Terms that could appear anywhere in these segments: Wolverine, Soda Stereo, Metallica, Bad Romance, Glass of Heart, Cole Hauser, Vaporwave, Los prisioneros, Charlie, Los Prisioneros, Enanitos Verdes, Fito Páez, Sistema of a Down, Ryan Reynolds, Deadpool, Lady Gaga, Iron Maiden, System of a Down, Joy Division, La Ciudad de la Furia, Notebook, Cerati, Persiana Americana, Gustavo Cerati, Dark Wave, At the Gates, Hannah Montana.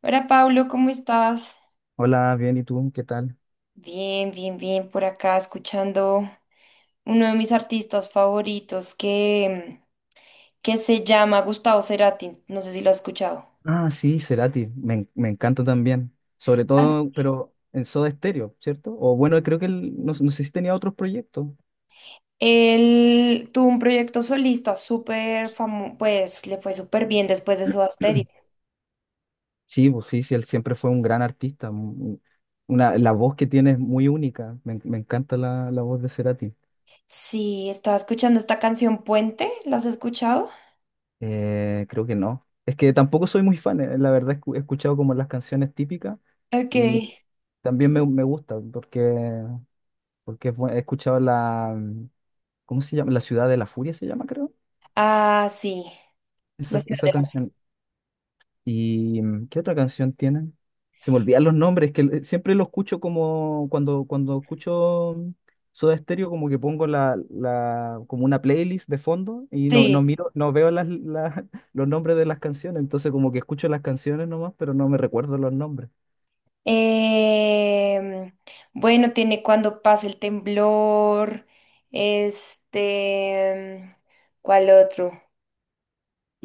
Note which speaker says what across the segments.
Speaker 1: Hola Pablo, ¿cómo estás?
Speaker 2: Hola, bien, ¿y tú? ¿Qué tal?
Speaker 1: Bien, bien, bien, por acá escuchando uno de mis artistas favoritos que se llama Gustavo Cerati, no sé si lo has escuchado.
Speaker 2: Ah, sí, Cerati, me encanta también. Sobre
Speaker 1: As-
Speaker 2: todo, pero en Soda Stereo, ¿cierto? O bueno, creo que él, no, no sé si tenía otros proyectos.
Speaker 1: Él tuvo un proyecto solista súper famoso, pues le fue súper bien después de su Asterix.
Speaker 2: Sí, pues sí, sí, él siempre fue un gran artista. Una, la voz que tiene es muy única. Me encanta la voz de Cerati.
Speaker 1: Sí, estaba escuchando esta canción Puente, ¿la has escuchado?
Speaker 2: Creo que no. Es que tampoco soy muy fan, la verdad, he escuchado como las canciones típicas
Speaker 1: Ok.
Speaker 2: y también me gusta porque, porque he escuchado la, ¿cómo se llama? La Ciudad de la Furia se llama, creo.
Speaker 1: Ah, sí, la
Speaker 2: Esa,
Speaker 1: ciudad
Speaker 2: esa
Speaker 1: de la...
Speaker 2: canción. ¿Y qué otra canción tienen? Se me olvidan los nombres, que siempre lo escucho como cuando, cuando escucho Soda Stereo, como que pongo como una playlist de fondo y no,
Speaker 1: Sí.
Speaker 2: no miro, no veo los nombres de las canciones, entonces como que escucho las canciones nomás, pero no me recuerdo los nombres.
Speaker 1: Em, bueno, tiene cuando pasa el temblor. Este, ¿cuál otro?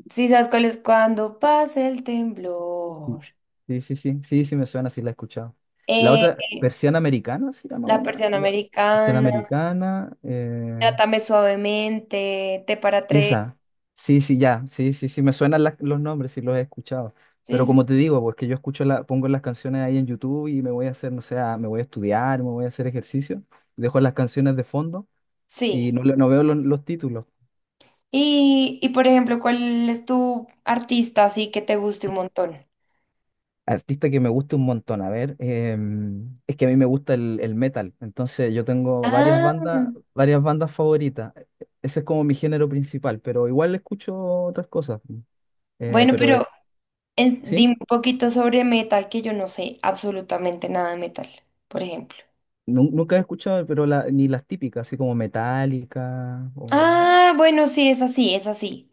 Speaker 1: Sí, ¿sabes cuál es? Cuando pasa el temblor.
Speaker 2: Sí, sí, sí, sí, sí, sí me suena, sí la he escuchado. La
Speaker 1: Eh,
Speaker 2: otra, Persiana Americana se llama
Speaker 1: la
Speaker 2: una,
Speaker 1: persiana
Speaker 2: igual. Persiana
Speaker 1: americana.
Speaker 2: Americana,
Speaker 1: Trátame suavemente. Te para tres.
Speaker 2: Esa, sí, sí, ya, sí, sí, sí, me suenan los nombres, sí los he escuchado.
Speaker 1: Sí,
Speaker 2: Pero
Speaker 1: sí.
Speaker 2: como te digo, pues que yo escucho la, pongo las canciones ahí en YouTube y me voy a hacer, no sé, me voy a estudiar, me voy a hacer ejercicio, dejo las canciones de fondo y
Speaker 1: Sí.
Speaker 2: no, no veo los títulos.
Speaker 1: Y por ejemplo, ¿cuál es tu artista así que te guste un montón?
Speaker 2: Artista que me gusta un montón, a ver, es que a mí me gusta el metal, entonces yo tengo
Speaker 1: Ah,
Speaker 2: varias bandas favoritas. Ese es como mi género principal, pero igual escucho otras cosas. Eh,
Speaker 1: bueno,
Speaker 2: pero de,
Speaker 1: pero
Speaker 2: ¿Sí?
Speaker 1: dime un poquito sobre metal, que yo no sé absolutamente nada de metal, por ejemplo.
Speaker 2: Nunca he escuchado, pero ni las típicas, así como Metallica
Speaker 1: Ah, bueno, sí, es así, es así.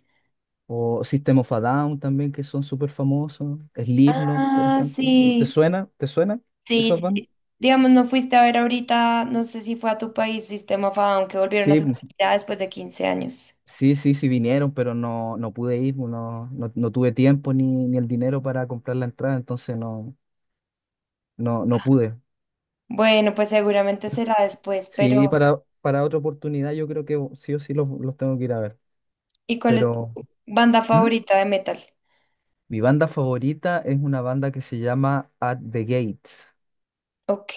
Speaker 2: o System of a Down también, que son súper famosos. Slipknot, por
Speaker 1: Ah,
Speaker 2: ejemplo. ¿Te
Speaker 1: sí.
Speaker 2: suena? ¿Te suena
Speaker 1: Sí,
Speaker 2: esas
Speaker 1: sí,
Speaker 2: bandas?
Speaker 1: sí. Digamos, no fuiste a ver ahorita, no sé si fue a tu país, Sistema of a Down, que volvieron a
Speaker 2: Sí,
Speaker 1: hacer una
Speaker 2: pues,
Speaker 1: gira después de 15 años.
Speaker 2: sí, sí, sí vinieron, pero no, no pude ir, no, no, no tuve tiempo ni, ni el dinero para comprar la entrada, entonces no, no, no pude.
Speaker 1: Bueno, pues seguramente será después,
Speaker 2: Sí,
Speaker 1: pero
Speaker 2: para otra oportunidad yo creo que sí o sí los tengo que ir a ver.
Speaker 1: ¿y cuál es
Speaker 2: Pero
Speaker 1: tu banda
Speaker 2: ¿Mm?
Speaker 1: favorita de metal?
Speaker 2: Mi banda favorita es una banda que se llama At the Gates.
Speaker 1: Ok,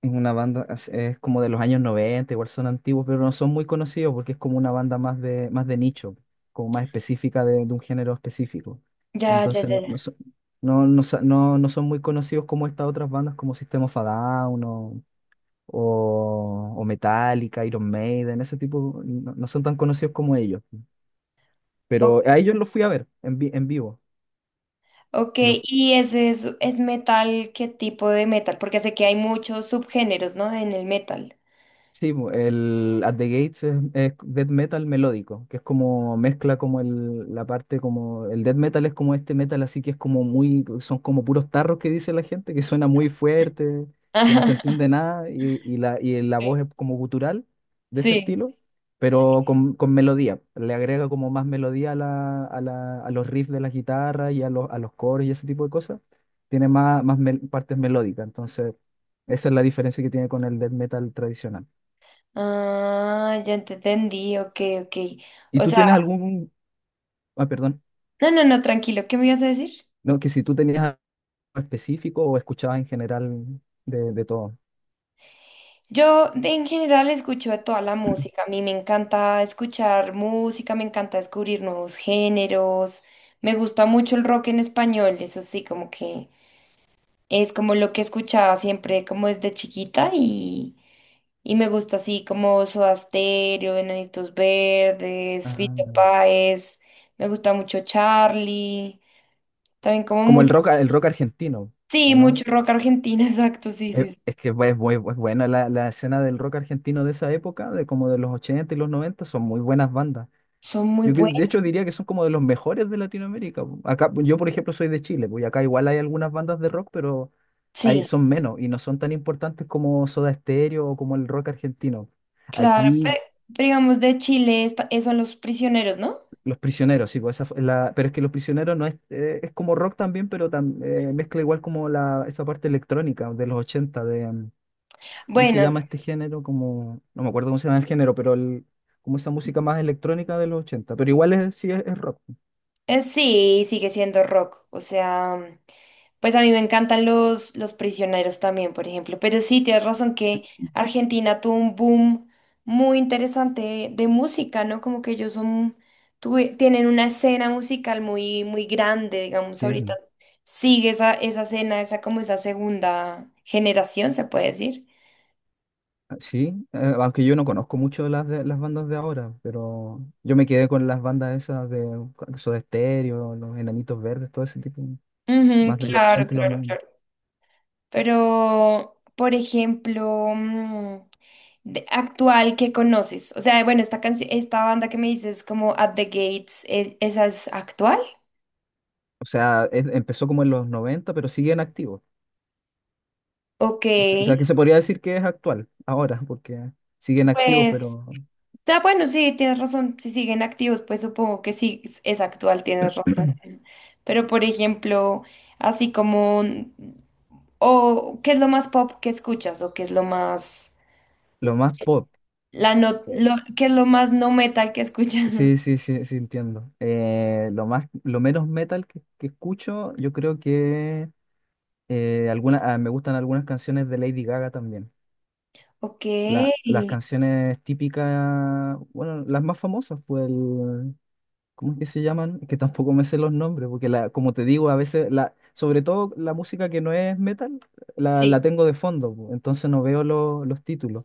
Speaker 2: Es una banda, es como de los años 90 igual son antiguos, pero no son muy conocidos porque es como una banda más de nicho, como más específica de un género específico.
Speaker 1: ya, ya,
Speaker 2: Entonces
Speaker 1: ya,
Speaker 2: no, no,
Speaker 1: ya.
Speaker 2: son, no, no son muy conocidos como estas otras bandas como System of a Down o Metallica, Iron Maiden, ese tipo, no, no son tan conocidos como ellos.
Speaker 1: Ok.
Speaker 2: Pero a ellos los fui a ver en vivo.
Speaker 1: Ok, ¿y ese es metal? ¿Qué tipo de metal? Porque sé que hay muchos subgéneros, ¿no? En el metal.
Speaker 2: Sí, po, el At the Gates es death metal melódico, que es como mezcla como el, la parte como el death metal es como este metal así que es como muy, son como puros tarros que dice la gente, que suena muy fuerte, que no se
Speaker 1: Ajá.
Speaker 2: entiende nada y la, y la voz es como gutural de ese
Speaker 1: Sí.
Speaker 2: estilo,
Speaker 1: Sí.
Speaker 2: pero con melodía, le agrega como más melodía a los riffs de la guitarra y a a los coros y ese tipo de cosas, tiene más, partes melódicas, entonces esa es la diferencia que tiene con el death metal tradicional.
Speaker 1: Ah, ya te entendí, ok, ok.
Speaker 2: ¿Y
Speaker 1: O
Speaker 2: tú
Speaker 1: sea,
Speaker 2: tienes algún, ah, perdón,
Speaker 1: no, no, no, tranquilo, ¿qué me ibas a decir?
Speaker 2: no, que si tú tenías algo específico o escuchabas en general de todo?
Speaker 1: En general escucho de toda la música, a mí me encanta escuchar música, me encanta descubrir nuevos géneros, me gusta mucho el rock en español, eso sí, como que es como lo que escuchaba siempre como desde chiquita y... Y me gusta así como Soda Stereo, Enanitos Verdes,
Speaker 2: Ah,
Speaker 1: Fito Páez. Me gusta mucho Charlie. También como
Speaker 2: como
Speaker 1: mucho.
Speaker 2: el rock argentino,
Speaker 1: Sí,
Speaker 2: ¿o
Speaker 1: mucho
Speaker 2: no?
Speaker 1: rock argentino, exacto, sí, sí, sí.
Speaker 2: Es que es es buena la escena del rock argentino de esa época, de como de los 80 y los 90 son muy buenas bandas.
Speaker 1: Son muy
Speaker 2: De
Speaker 1: buenos.
Speaker 2: hecho diría que son como de los mejores de Latinoamérica. Po. Acá, yo por ejemplo soy de Chile, pues y acá igual hay algunas bandas de rock, pero hay,
Speaker 1: Sí,
Speaker 2: son menos y no son tan importantes como Soda Stereo o como el rock argentino.
Speaker 1: claro.
Speaker 2: Aquí
Speaker 1: Pero, digamos de Chile, son los prisioneros, ¿no?
Speaker 2: Los prisioneros, sí, pues esa fue la, pero es que los prisioneros no es, es como rock también, pero mezcla igual como la, esa parte electrónica de los 80 de, ¿cómo se
Speaker 1: Bueno,
Speaker 2: llama este género? Como, no me acuerdo cómo se llama el género, pero el, como esa música más electrónica de los 80, pero igual es, sí es rock.
Speaker 1: eh, sí, sigue siendo rock. O sea, pues a mí me encantan los prisioneros también, por ejemplo. Pero sí, tienes razón que Argentina tuvo un boom muy interesante de música, ¿no? Como que ellos son, tienen una escena musical muy, muy grande, digamos,
Speaker 2: Sí,
Speaker 1: ahorita sigue esa, esa escena, esa como esa segunda generación, se puede decir.
Speaker 2: sí, aunque yo no conozco mucho las bandas de ahora, pero yo me quedé con las bandas esas de Soda Stereo, los Enanitos Verdes, todo ese tipo,
Speaker 1: Ujú,
Speaker 2: más de los
Speaker 1: claro,
Speaker 2: 80 y los
Speaker 1: claro,
Speaker 2: 90,
Speaker 1: claro. Pero, por ejemplo, actual que conoces? O sea, bueno, esta canción, esta banda que me dices como At the Gates, ¿esa es actual?
Speaker 2: O sea, empezó como en los 90, pero siguen activos.
Speaker 1: Ok,
Speaker 2: O sea, que se podría decir que es actual, ahora, porque siguen activos,
Speaker 1: pues,
Speaker 2: pero
Speaker 1: está bueno, sí, tienes razón. Si siguen activos, pues supongo que sí es actual, tienes razón. Pero, por ejemplo, así como, o ¿qué es lo más pop que escuchas? ¿O qué es lo más,
Speaker 2: lo más pop.
Speaker 1: la no,
Speaker 2: eh,
Speaker 1: lo, qué es lo más no metal que escuchas?
Speaker 2: Sí, sí, sí, sí, entiendo. Lo más, lo menos metal que escucho, yo creo que me gustan algunas canciones de Lady Gaga también.
Speaker 1: Ok.
Speaker 2: Las canciones típicas, bueno, las más famosas, pues el, ¿cómo es que se llaman? Es que tampoco me sé los nombres, porque la, como te digo, a veces, la, sobre todo la música que no es metal,
Speaker 1: Sí.
Speaker 2: la tengo de fondo, pues, entonces no veo los títulos.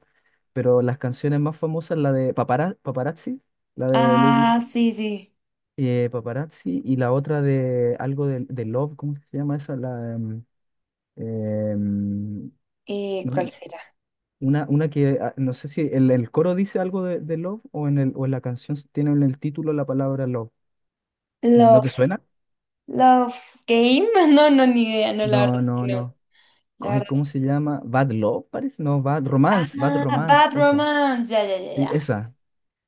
Speaker 2: Pero las canciones más famosas, la de Paparazzi, la de Lady
Speaker 1: Ah,
Speaker 2: Gaga,
Speaker 1: sí, sí.
Speaker 2: Paparazzi y la otra de algo de Love, ¿cómo se llama esa? La, em, em,
Speaker 1: ¿Cuál
Speaker 2: no-
Speaker 1: será?
Speaker 2: una que ah, no sé si el coro dice algo de Love o en el, o en la canción tiene en el título la palabra Love. ¿No te suena?
Speaker 1: Love Game. No, no, ni idea. No, la verdad
Speaker 2: No,
Speaker 1: que
Speaker 2: no,
Speaker 1: no.
Speaker 2: no.
Speaker 1: La
Speaker 2: Ay,
Speaker 1: verdad.
Speaker 2: ¿cómo se llama? Bad Love, parece. No, Bad
Speaker 1: Ah,
Speaker 2: Romance, Bad Romance,
Speaker 1: Bad
Speaker 2: esa.
Speaker 1: Romance. Ya, ya, ya,
Speaker 2: Sí,
Speaker 1: ya.
Speaker 2: esa.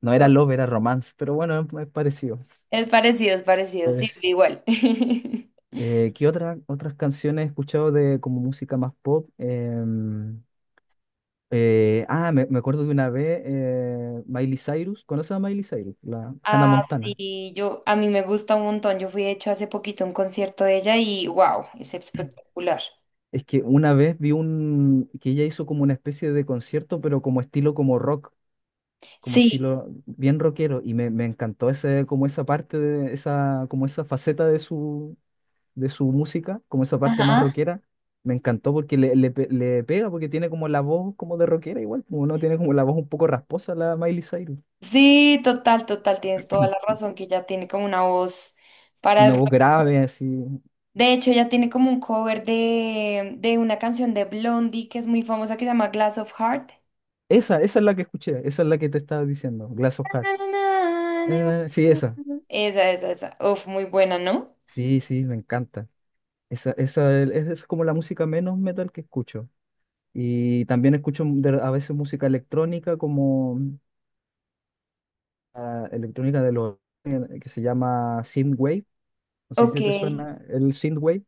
Speaker 2: No era
Speaker 1: Ok,
Speaker 2: Love, era Romance, pero bueno, es parecido.
Speaker 1: es parecido, es parecido. Sí,
Speaker 2: Pues,
Speaker 1: igual.
Speaker 2: ¿Otras canciones he escuchado de como música más pop? Me acuerdo de una vez Miley Cyrus. ¿Conoces a Miley Cyrus? La Hannah
Speaker 1: Ah,
Speaker 2: Montana.
Speaker 1: sí, yo, a mí me gusta un montón. Yo fui, de hecho, hace poquito a un concierto de ella y wow, es espectacular.
Speaker 2: Es que una vez vi un que ella hizo como una especie de concierto, pero como estilo como rock, como
Speaker 1: Sí,
Speaker 2: estilo bien rockero, y me encantó ese, como esa parte de esa, como esa faceta de su música, como esa parte más
Speaker 1: ajá.
Speaker 2: rockera, me encantó porque le pega, porque tiene como la voz como de rockera igual, como no tiene como la voz un poco rasposa la Miley Cyrus,
Speaker 1: Sí, total, total, tienes toda la razón que ella tiene como una voz para el
Speaker 2: una
Speaker 1: rock.
Speaker 2: voz grave así.
Speaker 1: De hecho, ella tiene como un cover de una canción de Blondie que es muy famosa que se llama Glass of Heart.
Speaker 2: Esa es la que escuché, esa es la que te estaba diciendo, Glass of Heart. Sí, esa.
Speaker 1: Esa, esa, esa. Uf, muy buena, ¿no?
Speaker 2: Sí, sí, me encanta. Esa, es como la música menos metal que escucho. Y también a veces música electrónica como electrónica de los que se llama synthwave. No sé
Speaker 1: Ok.
Speaker 2: si te
Speaker 1: El
Speaker 2: suena el synthwave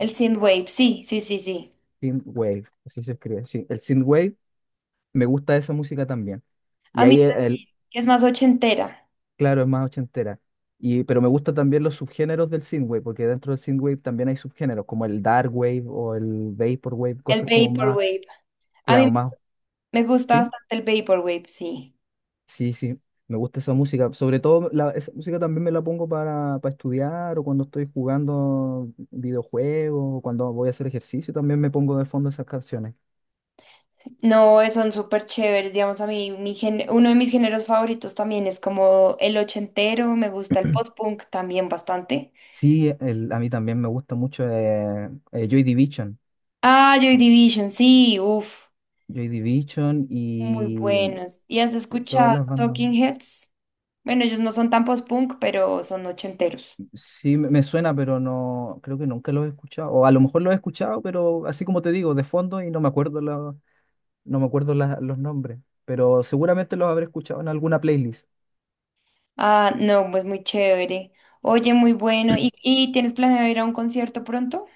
Speaker 1: synthwave, sí, sí, sí, sí.
Speaker 2: Synthwave, así se escribe. Sí, el Synthwave, me gusta esa música también.
Speaker 1: A
Speaker 2: Y
Speaker 1: mí
Speaker 2: ahí,
Speaker 1: también, que es más ochentera.
Speaker 2: claro, es más ochentera. Y, pero me gustan también los subgéneros del Synthwave, porque dentro del Synthwave también hay subgéneros, como el Dark Wave o el Vaporwave,
Speaker 1: El
Speaker 2: cosas como más,
Speaker 1: vaporwave. A mí
Speaker 2: claro, más,
Speaker 1: me gusta
Speaker 2: ¿sí?
Speaker 1: bastante el vaporwave, sí.
Speaker 2: Sí, sí, me gusta esa música. Sobre todo, la, esa música también me la pongo para estudiar o cuando estoy jugando videojuegos o cuando voy a hacer ejercicio, también me pongo de fondo esas canciones.
Speaker 1: No, son súper chéveres, digamos, a mí uno de mis géneros favoritos también es como el ochentero, me gusta el pop punk también bastante.
Speaker 2: Sí, a mí también me gusta mucho Joy Division.
Speaker 1: Ah, Joy Division, sí, uff,
Speaker 2: Joy Division
Speaker 1: muy
Speaker 2: y
Speaker 1: buenos. ¿Y has
Speaker 2: todas
Speaker 1: escuchado
Speaker 2: las bandas.
Speaker 1: Talking Heads? Bueno, ellos no son tan post-punk, pero son ochenteros.
Speaker 2: Sí, me suena, pero no, creo que nunca los he escuchado. O a lo mejor los he escuchado, pero así como te digo, de fondo y no me acuerdo, no me acuerdo los nombres. Pero seguramente los habré escuchado en alguna playlist.
Speaker 1: Ah, no, pues muy chévere. Oye, muy bueno. Y tienes planeado ir a un concierto pronto?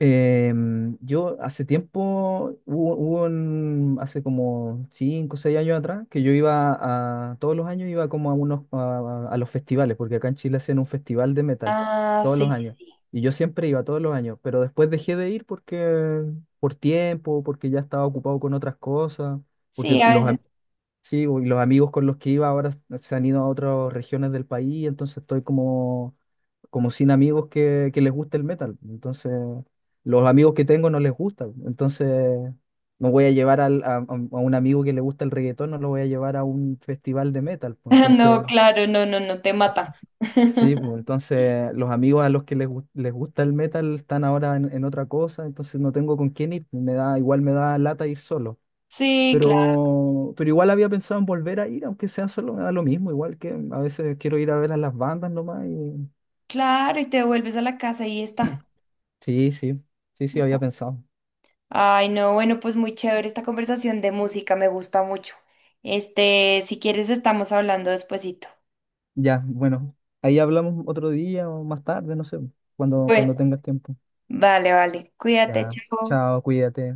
Speaker 2: Yo hace tiempo, hubo hace como 5 o 6 años atrás, que yo iba a, todos los años iba como a unos, a los festivales, porque acá en Chile hacen un festival de metal,
Speaker 1: Ah,
Speaker 2: todos los
Speaker 1: sí.
Speaker 2: años. Y yo siempre iba, todos los años, pero después dejé de ir porque, por tiempo, porque ya estaba ocupado con otras cosas, porque
Speaker 1: Sí, a veces.
Speaker 2: sí, y los amigos con los que iba ahora se han ido a otras regiones del país, entonces estoy como como sin amigos que les guste el metal. Entonces, los amigos que tengo no les gusta. Entonces, no voy a llevar al- a un amigo que le gusta el reggaetón, no lo voy a llevar a un festival de metal. Pues.
Speaker 1: No,
Speaker 2: Entonces,
Speaker 1: claro, no, no, no, te mata.
Speaker 2: sí, pues, entonces los amigos a los que les gusta el metal están ahora en otra cosa, entonces no tengo con quién ir. Igual me da lata ir solo.
Speaker 1: Sí, claro,
Speaker 2: Pero igual había pensado en volver a ir, aunque sea solo, me da lo mismo, igual que a veces quiero ir a ver a las bandas nomás y
Speaker 1: claro, y te vuelves a la casa y está.
Speaker 2: sí, sí, sí, sí, había pensado.
Speaker 1: Ay, no, bueno, pues muy chévere esta conversación de música, me gusta mucho. Este, si quieres, estamos hablando despuesito.
Speaker 2: Ya, bueno, ahí hablamos otro día o más tarde, no sé, cuando,
Speaker 1: Bueno,
Speaker 2: cuando tengas tiempo.
Speaker 1: vale, vale. Cuídate,
Speaker 2: Ya,
Speaker 1: chao.
Speaker 2: chao, cuídate.